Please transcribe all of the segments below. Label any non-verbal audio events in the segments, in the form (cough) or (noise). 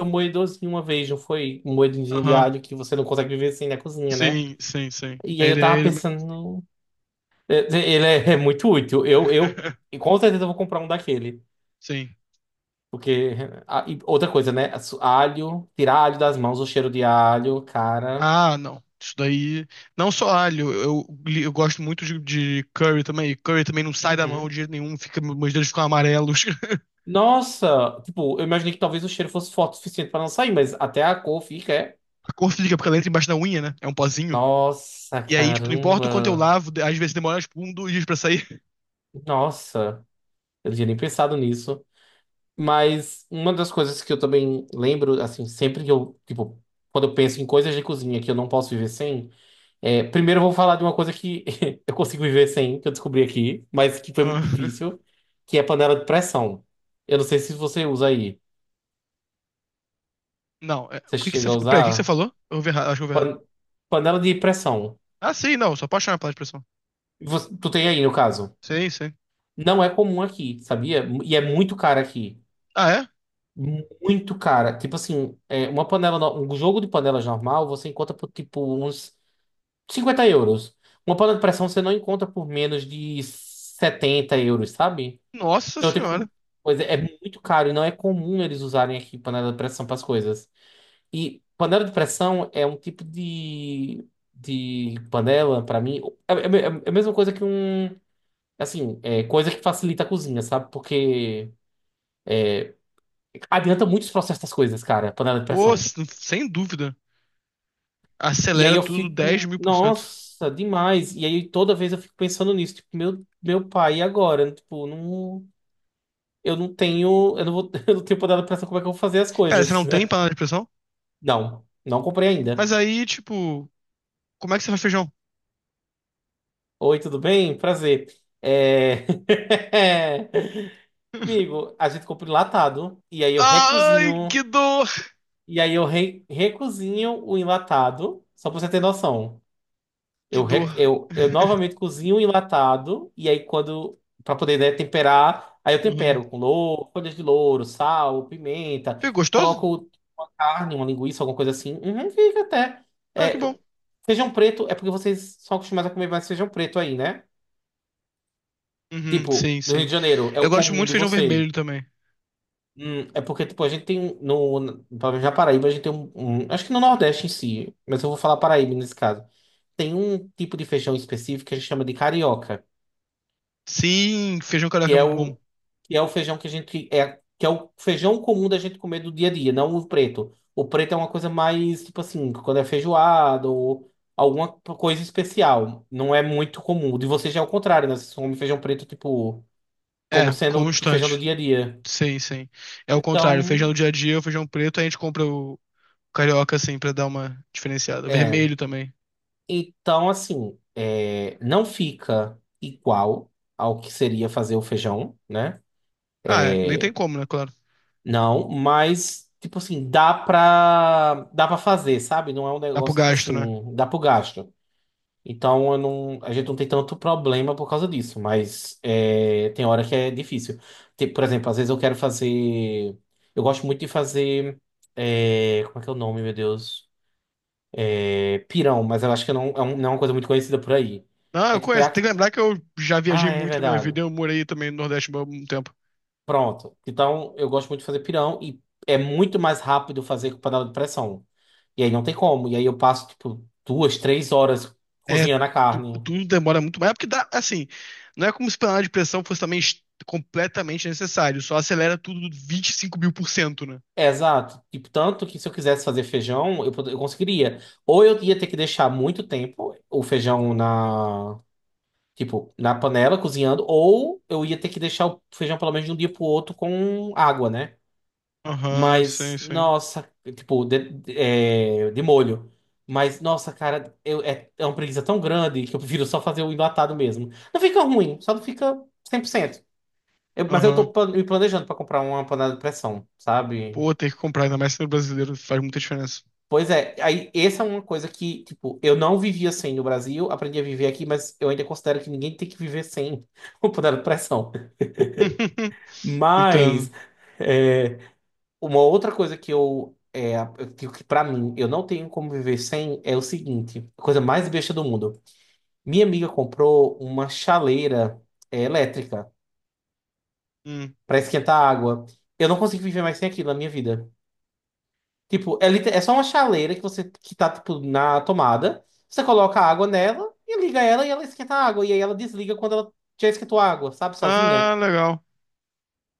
Um moedorzinho uma vez, não foi? Um moedinho de Aham. alho que você não consegue viver sem na cozinha, né? Sim, sim, sim. E aí eu Ele, é tava ele... mesmo. pensando Ele é muito útil. Eu e (laughs) com certeza eu vou comprar um daquele. Sim. Porque. E outra coisa, né? Alho, tirar alho das mãos, o cheiro de alho, cara. Ah, não. Isso daí. Não só alho, eu, eu gosto muito de, curry também. E curry também não sai da mão Uhum. de jeito nenhum, fica, meus dedos ficam amarelos. (laughs) Nossa! Tipo, eu imaginei que talvez o cheiro fosse forte o suficiente pra não sair, mas até a cor fica. A cor fica porque ela entra embaixo da unha, né? É um pozinho. Nossa, E aí, tipo, não importa o quanto eu caramba! lavo, às vezes demora, tipo, um, dois dias pra sair. (laughs) Nossa! Eu não tinha nem pensado nisso. Mas uma das coisas que eu também lembro, assim, sempre que eu, tipo, quando eu penso em coisas de cozinha que eu não posso viver sem, primeiro eu vou falar de uma coisa que (laughs) eu consigo viver sem, que eu descobri aqui, mas que foi muito Ah, difícil, que é panela de pressão. Eu não sei se você usa aí. não, é, o Você que que chega você. a Peraí, o que que você usar? falou? Eu ouvi errado, acho que eu ouvi errado. Pan- Panela de pressão. Ah, sim, não, só sou apaixonado pela expressão. Tu tem aí, no caso. Sim, sim. Não é comum aqui, sabia? E é muito cara aqui. Ah, é? Muito cara. Tipo assim, uma panela, no- um jogo de panelas normal, você encontra por tipo uns 50 euros. Uma panela de pressão você não encontra por menos de 70 euros, sabe? Nossa Então tem senhora. pois é, é muito caro e não é comum eles usarem aqui panela de pressão para as coisas. E panela de pressão é um tipo de panela, para mim, é, é- é a mesma coisa que um. Assim, é coisa que facilita a cozinha, sabe? Porque adianta muito os processos das coisas, cara, panela de Pô, pressão. Sem dúvida. E aí Acelera eu tudo dez fico, mil por cento. nossa, demais. E aí toda vez eu fico pensando nisso, tipo, meu pai, e agora? Tipo, não, eu não tenho, eu não vou, (laughs) eu não tenho poder de pressão, como é que eu vou fazer as Pera, você coisas, não tem né? panela de pressão? Não, não comprei ainda. Mas aí, tipo, como é que você faz feijão? Oi, tudo bem? Prazer. É... (laughs) (laughs) Amigo, a gente compra enlatado, e aí eu Ai, recozinho, que dor! e aí eu recozinho o enlatado, só pra você ter noção. Que Eu, dor. re- eu, eu (laughs) novamente cozinho um enlatado, e aí quando. Para poder, né, temperar, aí eu Uhum. tempero com louro, folhas de louro, sal, pimenta, Ficou gostoso? coloco carne, uma linguiça, alguma coisa assim. Uhum, fica até. Ah, que É, bom. eu- Feijão preto é porque vocês são acostumados a comer mais feijão preto aí, né? Uhum, Tipo, sim, no Rio sim. de Janeiro, é Eu o gosto comum muito de de feijão vocês. vermelho também. É porque, tipo, a gente tem um, pelo menos Paraíba, a gente tem um, acho que no Nordeste em si, mas eu vou falar Paraíba nesse caso. Tem um tipo de feijão específico que a gente chama de carioca. Sim, feijão Que carioca é é muito bom. o, que é o feijão que a gente é, que é o feijão comum da gente comer do dia a dia, não o preto. O preto é uma coisa mais tipo assim, quando é feijoada ou alguma coisa especial, não é muito comum. O de vocês já é o contrário, né? Vocês comem feijão preto tipo como É, sendo o feijão do constante. dia a dia. Sim, sim. É o contrário. Feijão Então, do dia a dia, o feijão preto, a gente compra o carioca, assim, pra dar uma diferenciada. é, Vermelho também. então assim, não fica igual ao que seria fazer o feijão, né? Ah, é. Nem tem como, né? Claro. Não, mas, tipo assim, dá pra fazer, sabe? Não é um Dá pro negócio, tipo gasto, né? assim, dá pro gasto. Então, eu não, a gente não tem tanto problema por causa disso, mas é, tem hora que é difícil. Tipo, por exemplo, às vezes eu quero fazer. Eu gosto muito de fazer. Como é que é o nome, meu Deus? É pirão, mas eu acho que não é, não é uma coisa muito conhecida por aí. Não, É eu tipo, conheço. Tem que lembrar que eu já viajei ah, é muito na minha verdade. vida. Eu morei também no Nordeste por um tempo. Pronto. Então, eu gosto muito de fazer pirão e é muito mais rápido fazer com panela de pressão. E aí não tem como. E aí eu passo, tipo, duas, três horas É, cozinhando a carne. tudo demora muito mais. É porque dá, assim, não é como se panela de pressão fosse também completamente necessário. Só acelera tudo 25.000 por cento, né? É, exato. Tipo, tanto que se eu quisesse fazer feijão, eu conseguiria. Ou eu ia ter que deixar muito tempo o feijão na, tipo, na panela cozinhando, ou eu ia ter que deixar o feijão pelo menos de um dia pro outro com água, né? Aham, Mas, sim, sim. nossa, tipo, de molho. Mas, nossa, cara, é uma preguiça tão grande que eu prefiro só fazer o enlatado mesmo. Não fica ruim, só não fica 100%. Mas eu Aham. tô me planejando pra comprar uma panela de pressão, sabe? Pô, tem que comprar, ainda mais sendo brasileiro, faz muita diferença. Pois é, aí essa é uma coisa que, tipo, eu não vivia sem no Brasil, aprendi a viver aqui, mas eu ainda considero que ninguém tem que viver sem (laughs) uma panela de pressão. (laughs) Entendo. Mas. é, Uma outra coisa que eu, eu digo que pra mim eu não tenho como viver sem é o seguinte, a coisa mais besta do mundo. Minha amiga comprou uma chaleira elétrica Hum. pra esquentar água. Eu não consigo viver mais sem aquilo na minha vida. Tipo, é só uma chaleira que você, que tá tipo na tomada, você coloca a água nela e liga ela e ela esquenta a água e aí ela desliga quando ela já esquentou a água, sabe, sozinha. Ah, legal.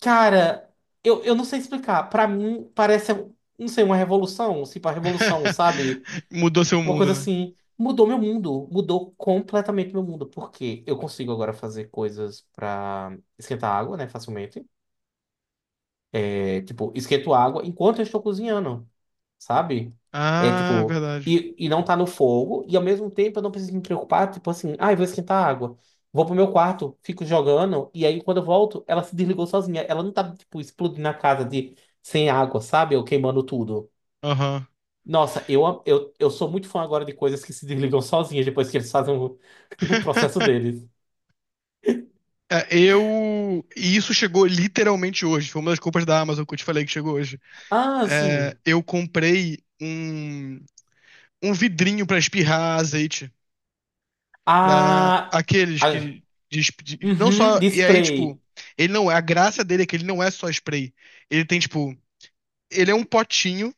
Cara, eu não sei explicar. Pra mim parece, não sei, uma revolução, tipo a revolução, (laughs) sabe? Mudou seu Uma mundo, coisa né? assim, mudou meu mundo, mudou completamente meu mundo, porque eu consigo agora fazer coisas pra esquentar água, né, facilmente. É, tipo, esquento água enquanto eu estou cozinhando, sabe? É Ah, tipo, verdade. e não tá no fogo, e ao mesmo tempo eu não preciso me preocupar, tipo assim, ah, eu vou esquentar água. Vou pro meu quarto, fico jogando, e aí quando eu volto, ela se desligou sozinha. Ela não tá, tipo, explodindo a casa de sem água, sabe? Ou queimando tudo. Aham. Nossa, eu sou muito fã agora de coisas que se desligam sozinhas depois que eles fazem o, (laughs) o processo (laughs) deles. É, eu. E isso chegou literalmente hoje. Foi uma das compras da Amazon que eu te falei que chegou hoje. Ah, É, sim. eu comprei um, um vidrinho pra espirrar azeite pra Ah, aqueles ah, que. De não uhum, só. E aí, tipo, display. ele não. É, a graça dele é que ele não é só spray. Ele tem, tipo. Ele é um potinho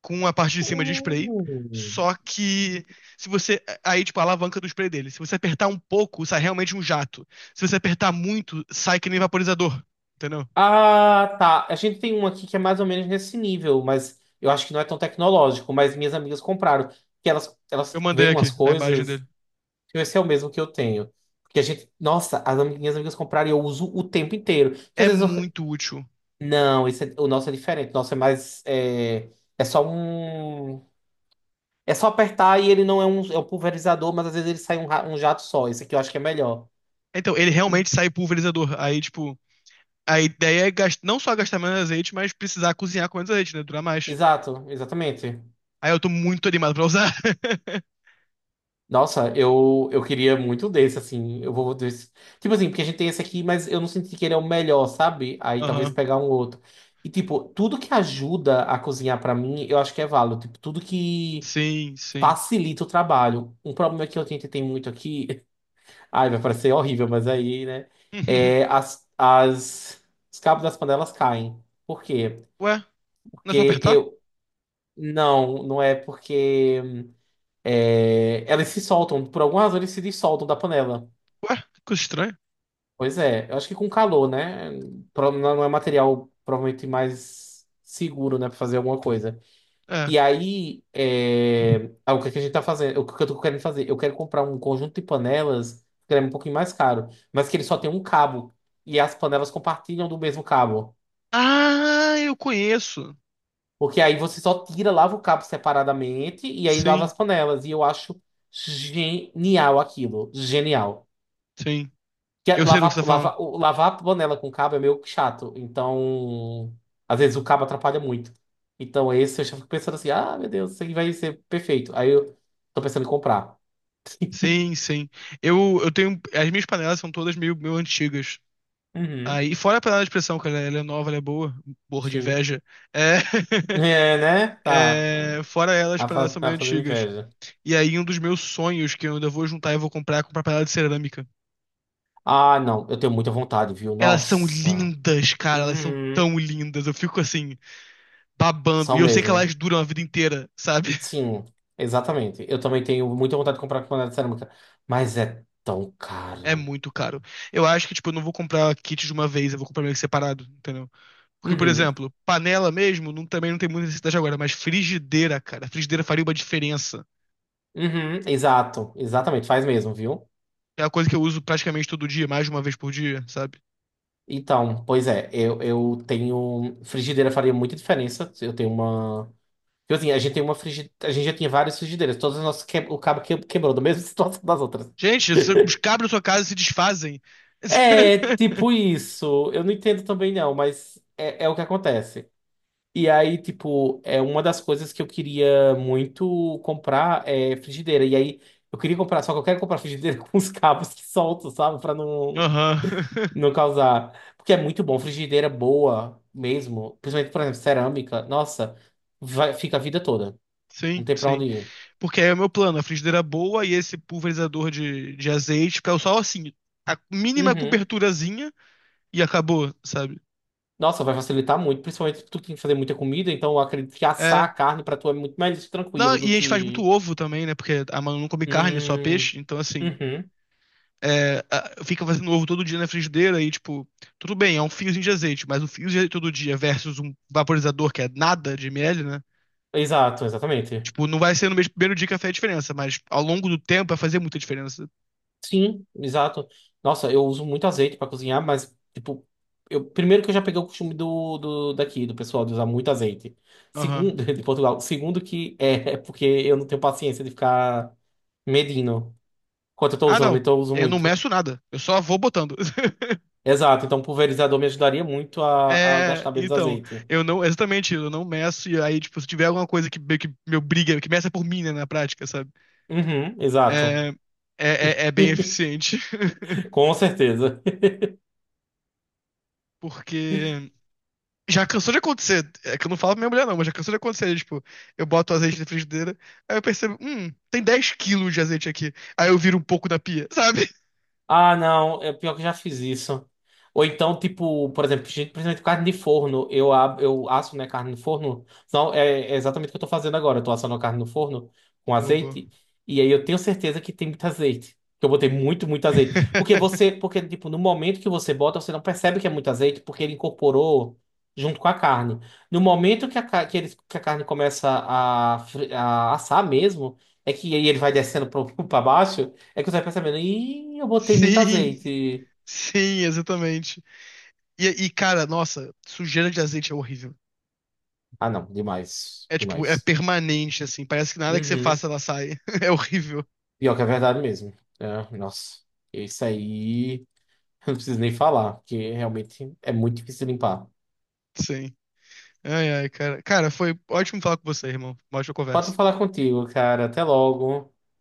com a parte de cima de spray. Uh. Só que. Se você. Aí, tipo, a alavanca do spray dele. Se você apertar um pouco, sai realmente um jato. Se você apertar muito, sai que nem vaporizador. Entendeu? Ah, tá. A gente tem um aqui que é mais ou menos nesse nível, mas eu acho que não é tão tecnológico. Mas minhas amigas compraram. Que elas Eu veem mandei umas aqui a imagem coisas. dele. Esse é o mesmo que eu tenho. Porque a gente. Nossa, minhas amigas compraram e eu uso o tempo inteiro. Que É às vezes eu. muito útil. Não, o nosso é diferente. O nosso é mais. É, é só um. É só apertar e ele não é um, é um pulverizador, mas às vezes ele sai um jato só. Esse aqui eu acho que é melhor. Então, ele Hum, realmente sai pulverizador. Aí, tipo, a ideia é não só gastar menos azeite, mas precisar cozinhar com menos azeite, né? Durar mais. Exato, exatamente. Aí eu tô muito animado pra usar. (laughs) Nossa, eu queria muito desse, assim. Eu vou desse. Tipo assim, porque a gente tem esse aqui, mas eu não senti que ele é o melhor, sabe? Aí talvez Aham. pegar um outro. E, tipo, tudo que ajuda a cozinhar pra mim, eu acho que é válido. Tipo, tudo que Sim, sim. facilita o trabalho. Um problema que eu tentei ter muito aqui. Ai, vai parecer horrível, mas aí, né? É, (laughs) os cabos das panelas caem. Por quê? Ué, não é só Porque apertar? eu. Não, não é porque. Elas se soltam. Por alguma razão, eles se dissoltam da panela. Ué, que coisa estranha. Pois é. Eu acho que com calor, né? Não, não é material provavelmente mais seguro, né? Pra fazer alguma coisa. É. E aí, ah, o que é que a gente tá fazendo? O que eu tô querendo fazer? Eu quero comprar um conjunto de panelas, que é um pouquinho mais caro, mas que ele só tem um cabo. E as panelas compartilham do mesmo cabo. Ah, eu conheço. Porque aí você só tira, lava o cabo separadamente e aí lava Sim, as panelas. E eu acho genial aquilo. Genial. sim. Que é Eu sei do que você tá falando. Lavar a panela com cabo é meio chato. Então, às vezes o cabo atrapalha muito. Então, esse eu já fico pensando assim: ah, meu Deus, isso aqui vai ser perfeito. Aí eu tô pensando em comprar. Sim, sim. Eu tenho. As minhas panelas são todas meio, meio antigas. Uhum, Aí, fora a panela de pressão, cara, ela é nova, ela é boa, morro de sim. inveja. É, É, né? (laughs) Tá. é, fora ela, as Tá, panelas são meio tá fazendo antigas. inveja. E aí, um dos meus sonhos que eu ainda vou juntar e vou comprar é comprar panela de cerâmica. Ah, não. Eu tenho muita vontade, viu? Elas são Nossa. lindas, cara, elas são Uhum. tão lindas. Eu fico assim, babando. E São eu sei que mesmo. elas duram a vida inteira, sabe? (laughs) Sim, exatamente. Eu também tenho muita vontade de comprar panela de cerâmica. Mas é tão É caro. muito caro. Eu acho que, tipo, eu não vou comprar kit de uma vez, eu vou comprar meio que separado, entendeu? Porque, por Uhum. exemplo, panela mesmo não- também não tem muita necessidade agora, mas frigideira, cara, frigideira faria uma diferença. Uhum. Exato. Exatamente. Faz mesmo, viu? É uma coisa que eu uso praticamente todo dia, mais de uma vez por dia, sabe? Então, pois é. Eu tenho... Frigideira faria muita diferença. Eu tenho uma... Tipo assim, a gente tem uma frigideira... A gente já tinha várias frigideiras. Todas as nossas... O cabo quebrou da mesma (laughs) situação das outras. Gente, os cabos da sua casa se desfazem. É, (laughs) tipo isso. Eu não entendo também, não, mas é o que acontece. E aí, tipo, é uma das coisas que eu queria muito comprar é frigideira. E aí, eu queria comprar, só que eu quero comprar frigideira (laughs) com os cabos que soltam, sabe? Pra não, Aham. (laughs) não causar. Porque é muito bom, frigideira boa mesmo. Principalmente, por exemplo, cerâmica. Nossa, vai, fica a vida toda. Não Sim, tem pra sim. onde ir. Porque aí é o meu plano, a frigideira boa e esse pulverizador de, azeite, que é só assim, a mínima Uhum. coberturazinha e acabou, sabe? Nossa, vai facilitar muito, principalmente se tu tem que fazer muita comida, então eu acredito que assar É. a carne pra tu é muito mais Não, tranquilo do e a gente faz muito que. ovo também, né? Porque a Manu não come carne, só Hum, peixe, então assim, uhum. é, a- fica fazendo ovo todo dia na frigideira e, tipo, tudo bem, é um fiozinho de azeite, mas um fio de azeite todo dia versus um vaporizador que é nada de ml, né? Exato, exatamente. Tipo, não vai ser no mesmo primeiro dia que vai fazer a diferença, mas ao longo do tempo vai fazer muita diferença. Sim, exato. Nossa, eu uso muito azeite pra cozinhar, mas, tipo, eu, primeiro que eu já peguei o costume do daqui, do pessoal, de usar muito azeite. Aham. Segundo, (laughs) de Portugal. Segundo que é porque eu não tenho paciência de ficar medindo quanto eu tô Ah, usando, não. então eu uso Eu não muito. meço nada. Eu só vou botando. (laughs) Exato, então pulverizador me ajudaria muito a É, gastar menos então, azeite. eu não, exatamente, eu não meço, e aí, tipo, se tiver alguma coisa que, meio que me obriga, que meça por mim, né, na prática, sabe? Uhum, exato. É, é, é bem (laughs) eficiente, (laughs) Com certeza. porque já cansou de acontecer. É que eu não falo pra minha mulher, não, mas já cansou de acontecer. Tipo, eu boto o azeite na frigideira, aí eu percebo, tem 10 quilos de azeite aqui. Aí eu viro um pouco da pia, sabe? Ah, não, é pior que eu já fiz isso. Ou então, tipo, por exemplo, gente, principalmente carne de forno, eu asso, né, carne no forno. Não, é exatamente o que eu tô fazendo agora. Eu tô assando a carne no forno com Bobo. azeite, e aí eu tenho certeza que tem muito azeite. Que eu botei muito, muito azeite. Porque (laughs) você, porque, tipo, no momento que você bota, você não percebe que é muito azeite, porque ele incorporou junto com a carne. No momento que a, ca- que eles- que a carne começa a assar mesmo, é que aí ele vai descendo para (laughs) baixo. É que você vai percebendo, ih, eu botei muito Sim, azeite. sim, exatamente. E, cara, nossa, sujeira de azeite é horrível. Ah, não, demais, É tipo, é demais. permanente, assim. Parece que nada que você Uhum. faça ela sai. (laughs) É horrível. Pior que é verdade mesmo. É, nossa, isso aí (laughs) eu não preciso nem falar, porque realmente é muito difícil limpar. Sim. Ai, ai, cara. Cara, foi ótimo falar com você, irmão. Uma ótima Pode conversa. falar contigo, cara. Até logo.